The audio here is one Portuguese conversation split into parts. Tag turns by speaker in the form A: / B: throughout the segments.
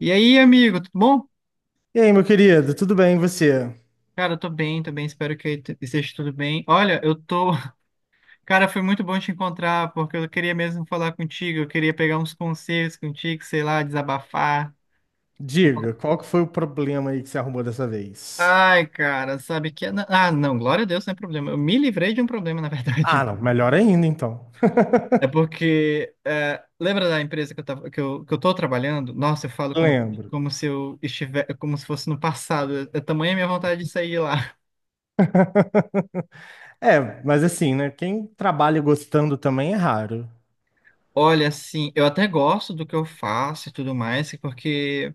A: E aí, amigo, tudo bom?
B: E aí, meu querido, tudo bem? E você?
A: Cara, eu tô bem, espero que esteja tudo bem. Olha, eu tô. Cara, foi muito bom te encontrar, porque eu queria mesmo falar contigo, eu queria pegar uns conselhos contigo, sei lá, desabafar.
B: Diga, qual que foi o problema aí que você arrumou dessa vez?
A: Ai, cara, sabe que. Ah, não, glória a Deus, não é problema. Eu me livrei de um problema, na verdade.
B: Ah, não, melhor ainda então.
A: É porque. É, lembra da empresa que eu tava, que eu tô trabalhando? Nossa, eu falo como,
B: Lembro.
A: como se eu estiver, como se fosse no passado. É tamanha a minha vontade de sair lá.
B: É, mas assim, né? Quem trabalha gostando também é raro.
A: Olha, assim, eu até gosto do que eu faço e tudo mais, porque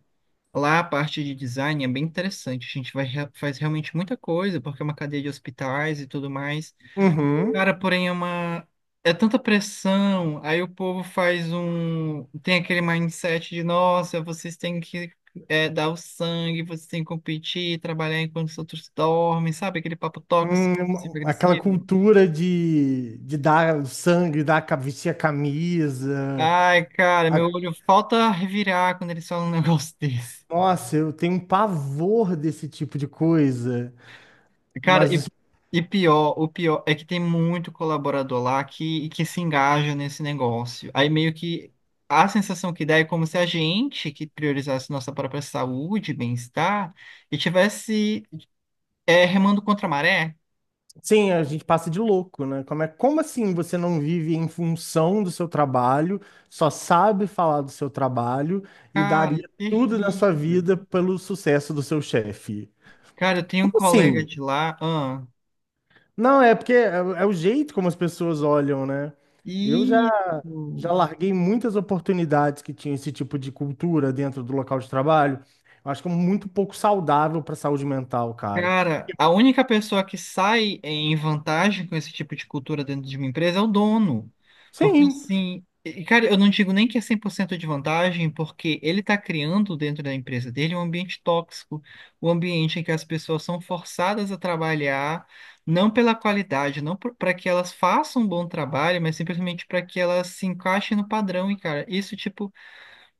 A: lá a parte de design é bem interessante. A gente vai, faz realmente muita coisa, porque é uma cadeia de hospitais e tudo mais.
B: Uhum.
A: Cara, porém é uma. É tanta pressão, aí o povo faz um. Tem aquele mindset de, nossa, vocês têm que dar o sangue, vocês têm que competir, trabalhar enquanto os outros dormem, sabe? Aquele papo tóxico,
B: Aquela
A: agressivo.
B: cultura de, dar o sangue, vestir a camisa.
A: Ai, cara, meu
B: A-
A: olho falta revirar quando eles falam um negócio desse.
B: Nossa, eu tenho um pavor desse tipo de coisa.
A: Cara,
B: Mas
A: e pior, o pior é que tem muito colaborador lá que se engaja nesse negócio. Aí meio que a sensação que dá é como se a gente que priorizasse nossa própria saúde, bem-estar, e tivesse remando contra a maré.
B: sim, a gente passa de louco, né? Como é, como assim você não vive em função do seu trabalho, só sabe falar do seu trabalho e
A: Cara, é
B: daria tudo na sua
A: terrível.
B: vida pelo sucesso do seu chefe?
A: Cara, eu tenho um
B: Como
A: colega
B: assim?
A: de lá, ah,
B: Não, é porque é o jeito como as pessoas olham, né? Eu já, já
A: isso.
B: larguei muitas oportunidades que tinham esse tipo de cultura dentro do local de trabalho. Eu acho que é muito pouco saudável para a saúde mental, cara.
A: Cara, a única pessoa que sai em vantagem com esse tipo de cultura dentro de uma empresa é o dono. Porque
B: Sim.
A: assim, e, cara, eu não digo nem que é 100% de vantagem, porque ele está criando dentro da empresa dele um ambiente tóxico, um ambiente em que as pessoas são forçadas a trabalhar, não pela qualidade, não para que elas façam um bom trabalho, mas simplesmente para que elas se encaixem no padrão. E, cara, isso, tipo,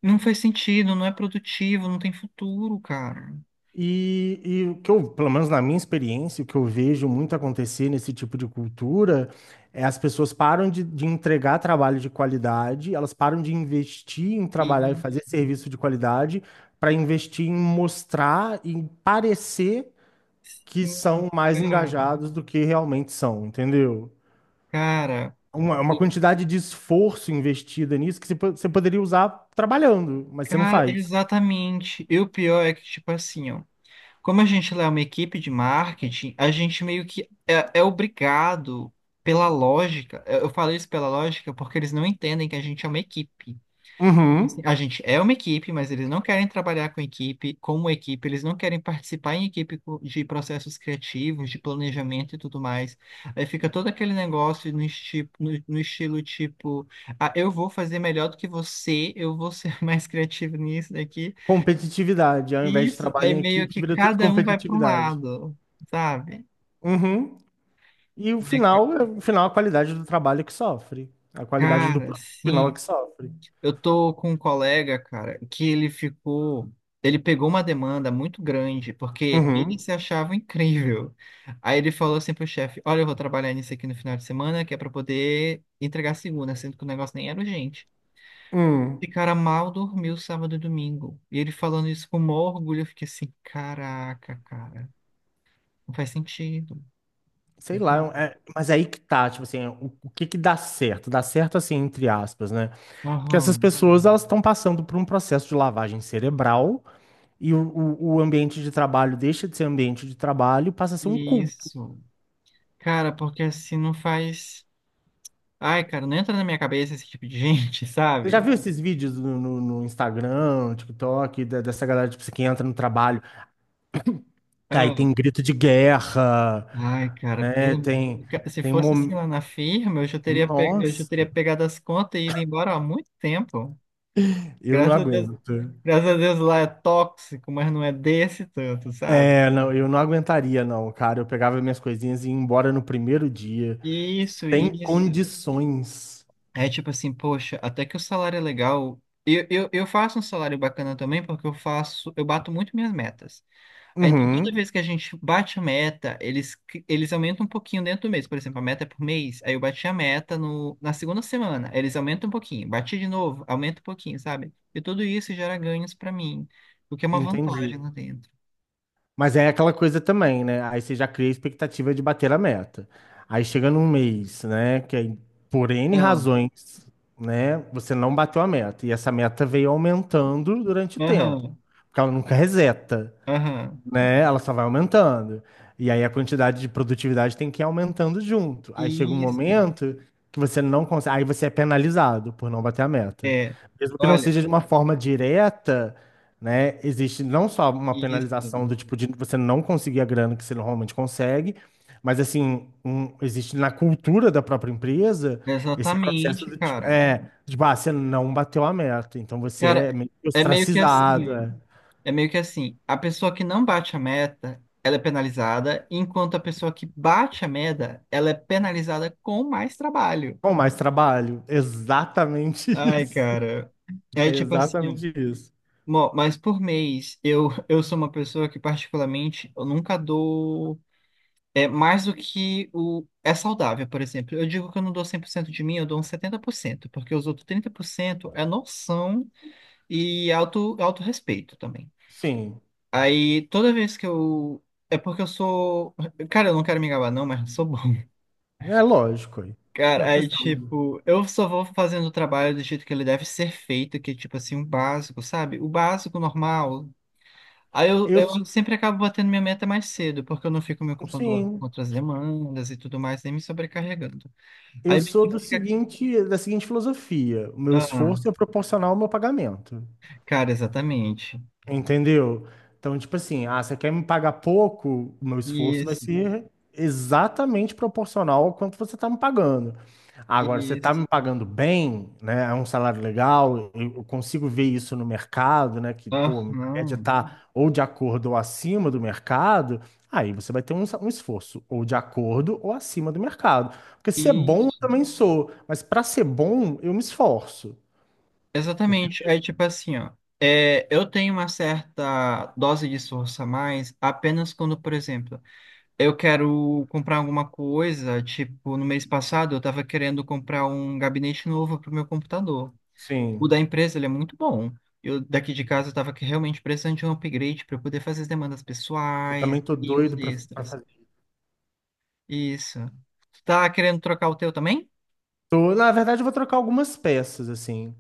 A: não faz sentido, não é produtivo, não tem futuro, cara.
B: E o que eu, pelo menos na minha experiência, o que eu vejo muito acontecer nesse tipo de cultura é as pessoas param de entregar trabalho de qualidade, elas param de investir em trabalhar e
A: E,
B: fazer serviço de qualidade para investir em mostrar e parecer que são mais engajados do que realmente são, entendeu?
A: Cara,
B: Uma quantidade de esforço investida nisso que você poderia usar trabalhando, mas você não
A: cara,
B: faz.
A: exatamente. E o pior é que, tipo assim, ó, como a gente lá é uma equipe de marketing, a gente meio que é obrigado pela lógica. Eu falei isso pela lógica porque eles não entendem que a gente é uma equipe. Tipo assim,
B: Uhum.
A: a gente é uma equipe, mas eles não querem trabalhar com equipe, como equipe, eles não querem participar em equipe de processos criativos, de planejamento e tudo mais. Aí fica todo aquele negócio no estilo tipo, ah, eu vou fazer melhor do que você, eu vou ser mais criativo nisso daqui.
B: Competitividade, ao invés de
A: Isso,
B: trabalho
A: aí
B: em
A: meio
B: equipe,
A: que
B: vira tudo
A: cada um vai para um
B: competitividade.
A: lado, sabe?
B: Uhum. E o
A: Aí, ca-
B: final, o final, é a qualidade do trabalho é que sofre. A qualidade do
A: Cara,
B: produto final é
A: sim.
B: que sofre.
A: Eu tô com um colega, cara, que ele ficou. Ele pegou uma demanda muito grande, porque ele
B: Uhum.
A: se achava incrível. Aí ele falou assim pro chefe: Olha, eu vou trabalhar nisso aqui no final de semana, que é pra poder entregar segunda, sendo que o negócio nem era urgente.
B: Hum.
A: E cara mal dormiu sábado e domingo. E ele falando isso com maior orgulho, eu fiquei assim: Caraca, cara, não faz sentido.
B: Sei lá,
A: Entendeu?
B: mas mas aí que tá, tipo assim, o que que dá certo? Dá certo assim, entre aspas, né? Porque essas
A: Aham,
B: pessoas, elas estão passando por um processo de lavagem cerebral e o ambiente de trabalho deixa de ser ambiente de trabalho, e passa a ser um.
A: isso. Cara, porque assim não faz. Ai, cara, não entra na minha cabeça esse tipo de gente,
B: Você já
A: sabe?
B: viu esses vídeos no Instagram, no TikTok, dessa galera, tipo, assim, que entra no trabalho, aí tem
A: Ah,
B: grito de guerra,
A: ai, cara, pelo
B: né?
A: amor de
B: Tem,
A: Deus. Se
B: tem
A: fosse
B: mom...
A: assim lá na firma, eu já teria, pe... eu já
B: Nossa,
A: teria pegado as contas e ido embora há muito tempo.
B: eu não
A: Graças a Deus,
B: aguento.
A: graças a Deus lá é tóxico, mas não é desse tanto, sabe?
B: É, não, eu não aguentaria, não, cara. Eu pegava minhas coisinhas e ia embora no primeiro dia.
A: Isso,
B: Tem
A: isso.
B: condições.
A: É tipo assim, poxa, até que o salário é legal. Eu faço um salário bacana também, porque eu faço, eu bato muito minhas metas. É, então, cada
B: Uhum,
A: vez que a gente bate a meta, eles aumentam um pouquinho dentro do mês. Por exemplo, a meta é por mês, aí eu bati a meta no, na segunda semana, aí eles aumentam um pouquinho. Bati de novo, aumenta um pouquinho, sabe? E tudo isso gera ganhos pra mim, o que é uma
B: entendi.
A: vantagem lá dentro.
B: Mas é aquela coisa também, né? Aí você já cria a expectativa de bater a meta. Aí chega num mês, né? Que aí, por N
A: Aham,
B: razões, né? Você não bateu a meta. E essa meta veio aumentando durante o tempo.
A: aham,
B: Porque ela nunca reseta,
A: aham.
B: né? Ela só vai aumentando. E aí a quantidade de produtividade tem que ir aumentando junto. Aí chega um
A: Isso.
B: momento que você não consegue, aí você é penalizado por não bater a meta.
A: É,
B: Mesmo que não
A: olha,
B: seja de uma forma direta, né? Existe não só uma
A: isso.
B: penalização do tipo de você não conseguir a grana que você normalmente consegue, mas assim, existe na cultura da própria empresa esse processo
A: Exatamente,
B: do tipo,
A: cara.
B: é, de, ah, você não bateu a meta, então você
A: Cara,
B: é meio que
A: é meio que assim,
B: ostracizado,
A: ó.
B: é.
A: É meio que assim, a pessoa que não bate a meta, ela é penalizada, enquanto a pessoa que bate a meta, ela é penalizada com mais trabalho.
B: Com mais trabalho. Exatamente
A: Ai,
B: isso.
A: cara. É
B: É
A: tipo assim,
B: exatamente isso.
A: mas por mês, eu sou uma pessoa que particularmente, eu nunca dou mais do que o saudável, por exemplo. Eu digo que eu não dou 100% de mim, eu dou uns 70%, porque os outros 30% é noção e autorrespeito também.
B: Sim,
A: Aí toda vez que eu. É porque eu sou. Cara, eu não quero me gabar, não, mas eu sou bom.
B: é lógico. Aí. Uma
A: Cara, aí
B: questão.
A: tipo, eu só vou fazendo o trabalho do jeito que ele deve ser feito, que é tipo assim, o básico, sabe? O básico normal. Aí eu,
B: Eu,
A: eu sempre acabo batendo minha meta mais cedo, porque eu não fico me ocupando logo com
B: sim,
A: outras demandas e tudo mais, nem me sobrecarregando.
B: eu
A: Aí meio
B: sou
A: que
B: do
A: fica.
B: seguinte, da seguinte filosofia: o meu
A: Ah,
B: esforço é proporcional ao meu pagamento.
A: cara, exatamente.
B: Entendeu? Então, tipo assim, ah, você quer me pagar pouco, o meu esforço vai
A: Isso,
B: ser exatamente proporcional ao quanto você está me pagando. Agora, você está
A: isso.
B: me pagando bem, né? É um salário legal, eu consigo ver isso no mercado, né? Que, pô, a média
A: Aham.
B: está ou de acordo ou acima do mercado, aí você vai ter um, um esforço ou de acordo ou acima do mercado. Porque se é bom, eu
A: Isso.
B: também sou, mas para ser bom, eu me esforço.
A: Exatamente. É tipo assim, ó. É, eu tenho uma certa dose de esforço a mais apenas quando, por exemplo, eu quero comprar alguma coisa. Tipo, no mês passado eu estava querendo comprar um gabinete novo para o meu computador. O da
B: Sim,
A: empresa, ele é muito bom. Eu daqui de casa eu estava realmente precisando de um upgrade para eu poder fazer as demandas
B: eu
A: pessoais
B: também tô
A: e uns
B: doido para.
A: extras. Isso. Tu tá querendo trocar o teu também?
B: Na verdade, eu vou trocar algumas peças, assim.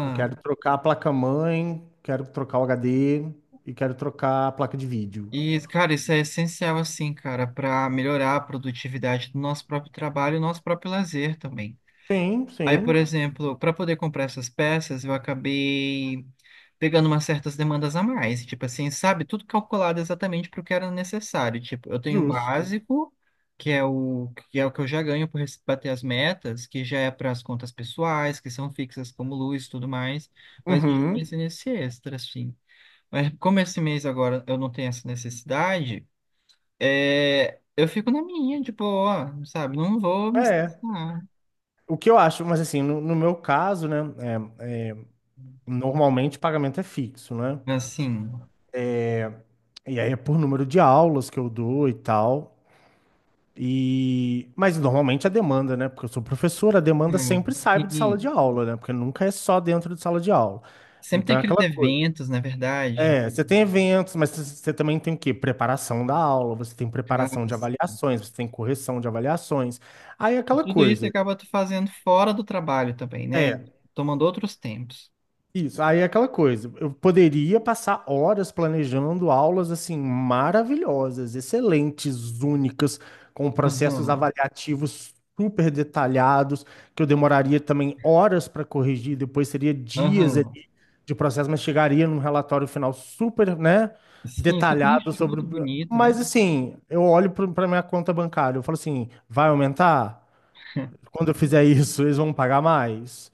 B: Eu quero trocar a placa-mãe, quero trocar o HD e quero trocar a placa de vídeo.
A: E, cara, isso é essencial, assim, cara, para melhorar a produtividade do nosso próprio trabalho e nosso próprio lazer também.
B: Sim,
A: Aí, por
B: sim,
A: exemplo, para poder comprar essas peças, eu acabei pegando umas certas demandas a mais, tipo assim, sabe? Tudo calculado exatamente para o que era necessário. Tipo, eu tenho o
B: justo.
A: básico, que é o que eu já ganho por bater as metas, que já é para as contas pessoais, que são fixas como luz e tudo mais, mas eu já
B: Uhum.
A: pensei nesse extra, assim. Mas como esse mês agora eu não tenho essa necessidade, eu fico na minha, de boa, sabe? Não vou me
B: É.
A: estressar.
B: O que eu acho, mas assim, no meu caso, né, é, normalmente o pagamento é fixo, né?
A: Assim,
B: E aí é por número de aulas que eu dou e tal. E... Mas normalmente a demanda, né? Porque eu sou professor, a demanda
A: é,
B: sempre sai de sala
A: sim.
B: de aula, né? Porque nunca é só dentro de sala de aula.
A: Sempre tem
B: Então é
A: aqueles
B: aquela coisa.
A: eventos, na verdade,
B: É, você tem eventos, mas você também tem o quê? Preparação da aula, você tem preparação de
A: caras.
B: avaliações, você tem correção de avaliações. Aí é
A: E
B: aquela
A: tudo isso
B: coisa.
A: acaba tu fazendo fora do trabalho também, né?
B: É.
A: Tomando outros tempos.
B: Isso, aí é aquela coisa. Eu poderia passar horas planejando aulas assim maravilhosas, excelentes, únicas, com processos
A: Aham,
B: avaliativos super detalhados, que eu demoraria também horas para corrigir, depois seria dias
A: aham.
B: ali de processo, mas chegaria num relatório final super, né,
A: Sim, super
B: detalhado sobre.
A: enxuto, bonito, né?
B: Mas assim, eu olho para minha conta bancária, eu falo assim, vai aumentar? Quando eu fizer isso, eles vão pagar mais?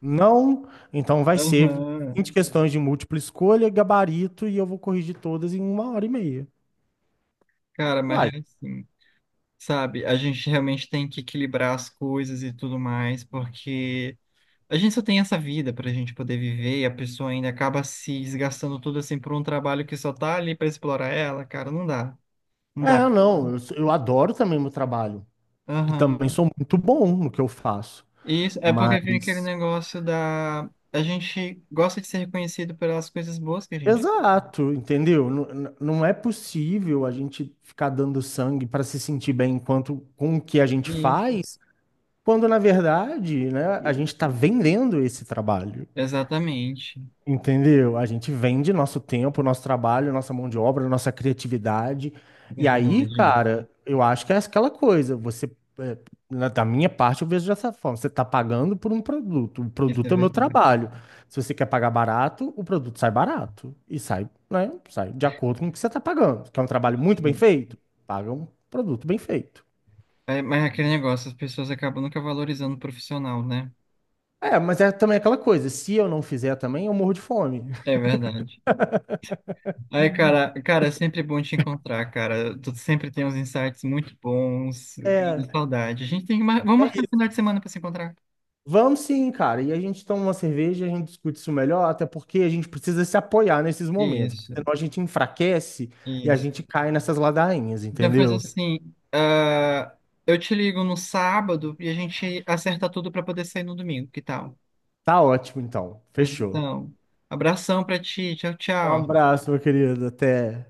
B: Não, então vai ser
A: Aham.
B: 20 questões de múltipla escolha, gabarito, e eu vou corrigir todas em uma hora e meia.
A: Cara, mas
B: Uai,
A: é assim, sabe? A gente realmente tem que equilibrar as coisas e tudo mais, porque. A gente só tem essa vida pra gente poder viver e a pessoa ainda acaba se desgastando tudo assim por um trabalho que só tá ali pra explorar ela, cara, não dá. Não dá.
B: é, não, eu, eu adoro também meu trabalho. E
A: Aham.
B: também sou muito bom no que eu faço.
A: Isso é porque vem aquele
B: Mas,
A: negócio da a gente gosta de ser reconhecido pelas coisas boas que a gente.
B: exato, entendeu? Não é possível a gente ficar dando sangue para se sentir bem enquanto com o que a gente
A: Isso.
B: faz, quando na verdade, né, a gente está vendendo esse trabalho.
A: Exatamente.
B: Entendeu? A gente vende nosso tempo, nosso trabalho, nossa mão de obra, nossa criatividade. E aí,
A: Verdade.
B: cara, eu acho que é aquela coisa. Você, da minha parte, eu vejo dessa forma. Você está pagando por um produto. O
A: Isso é
B: produto é o meu
A: verdade.
B: trabalho. Se você quer pagar barato, o produto sai barato. E sai, né? Sai de acordo com o que você está pagando. Quer um trabalho muito bem
A: Sim.
B: feito? Paga um produto bem feito.
A: É, mas é aquele negócio, as pessoas acabam nunca valorizando o profissional, né?
B: É, mas é também aquela coisa. Se eu não fizer também, eu morro de fome.
A: É verdade. Ai, cara, cara, é sempre bom te encontrar, cara. Tu sempre tem uns insights muito bons. Cara, saudade. A gente tem que mar... Vamos marcar um final de semana pra se encontrar.
B: Vamos sim, cara. E a gente toma uma cerveja, a gente discute isso melhor, até porque a gente precisa se apoiar nesses momentos, porque
A: Isso,
B: senão a gente enfraquece e a
A: isso.
B: gente cai nessas ladainhas,
A: Então faz
B: entendeu?
A: assim, ah, eu te ligo no sábado e a gente acerta tudo pra poder sair no domingo, que tal?
B: Tá ótimo, então.
A: Pois
B: Fechou.
A: então, abração pra ti, tchau,
B: Um
A: tchau.
B: abraço, meu querido. Até.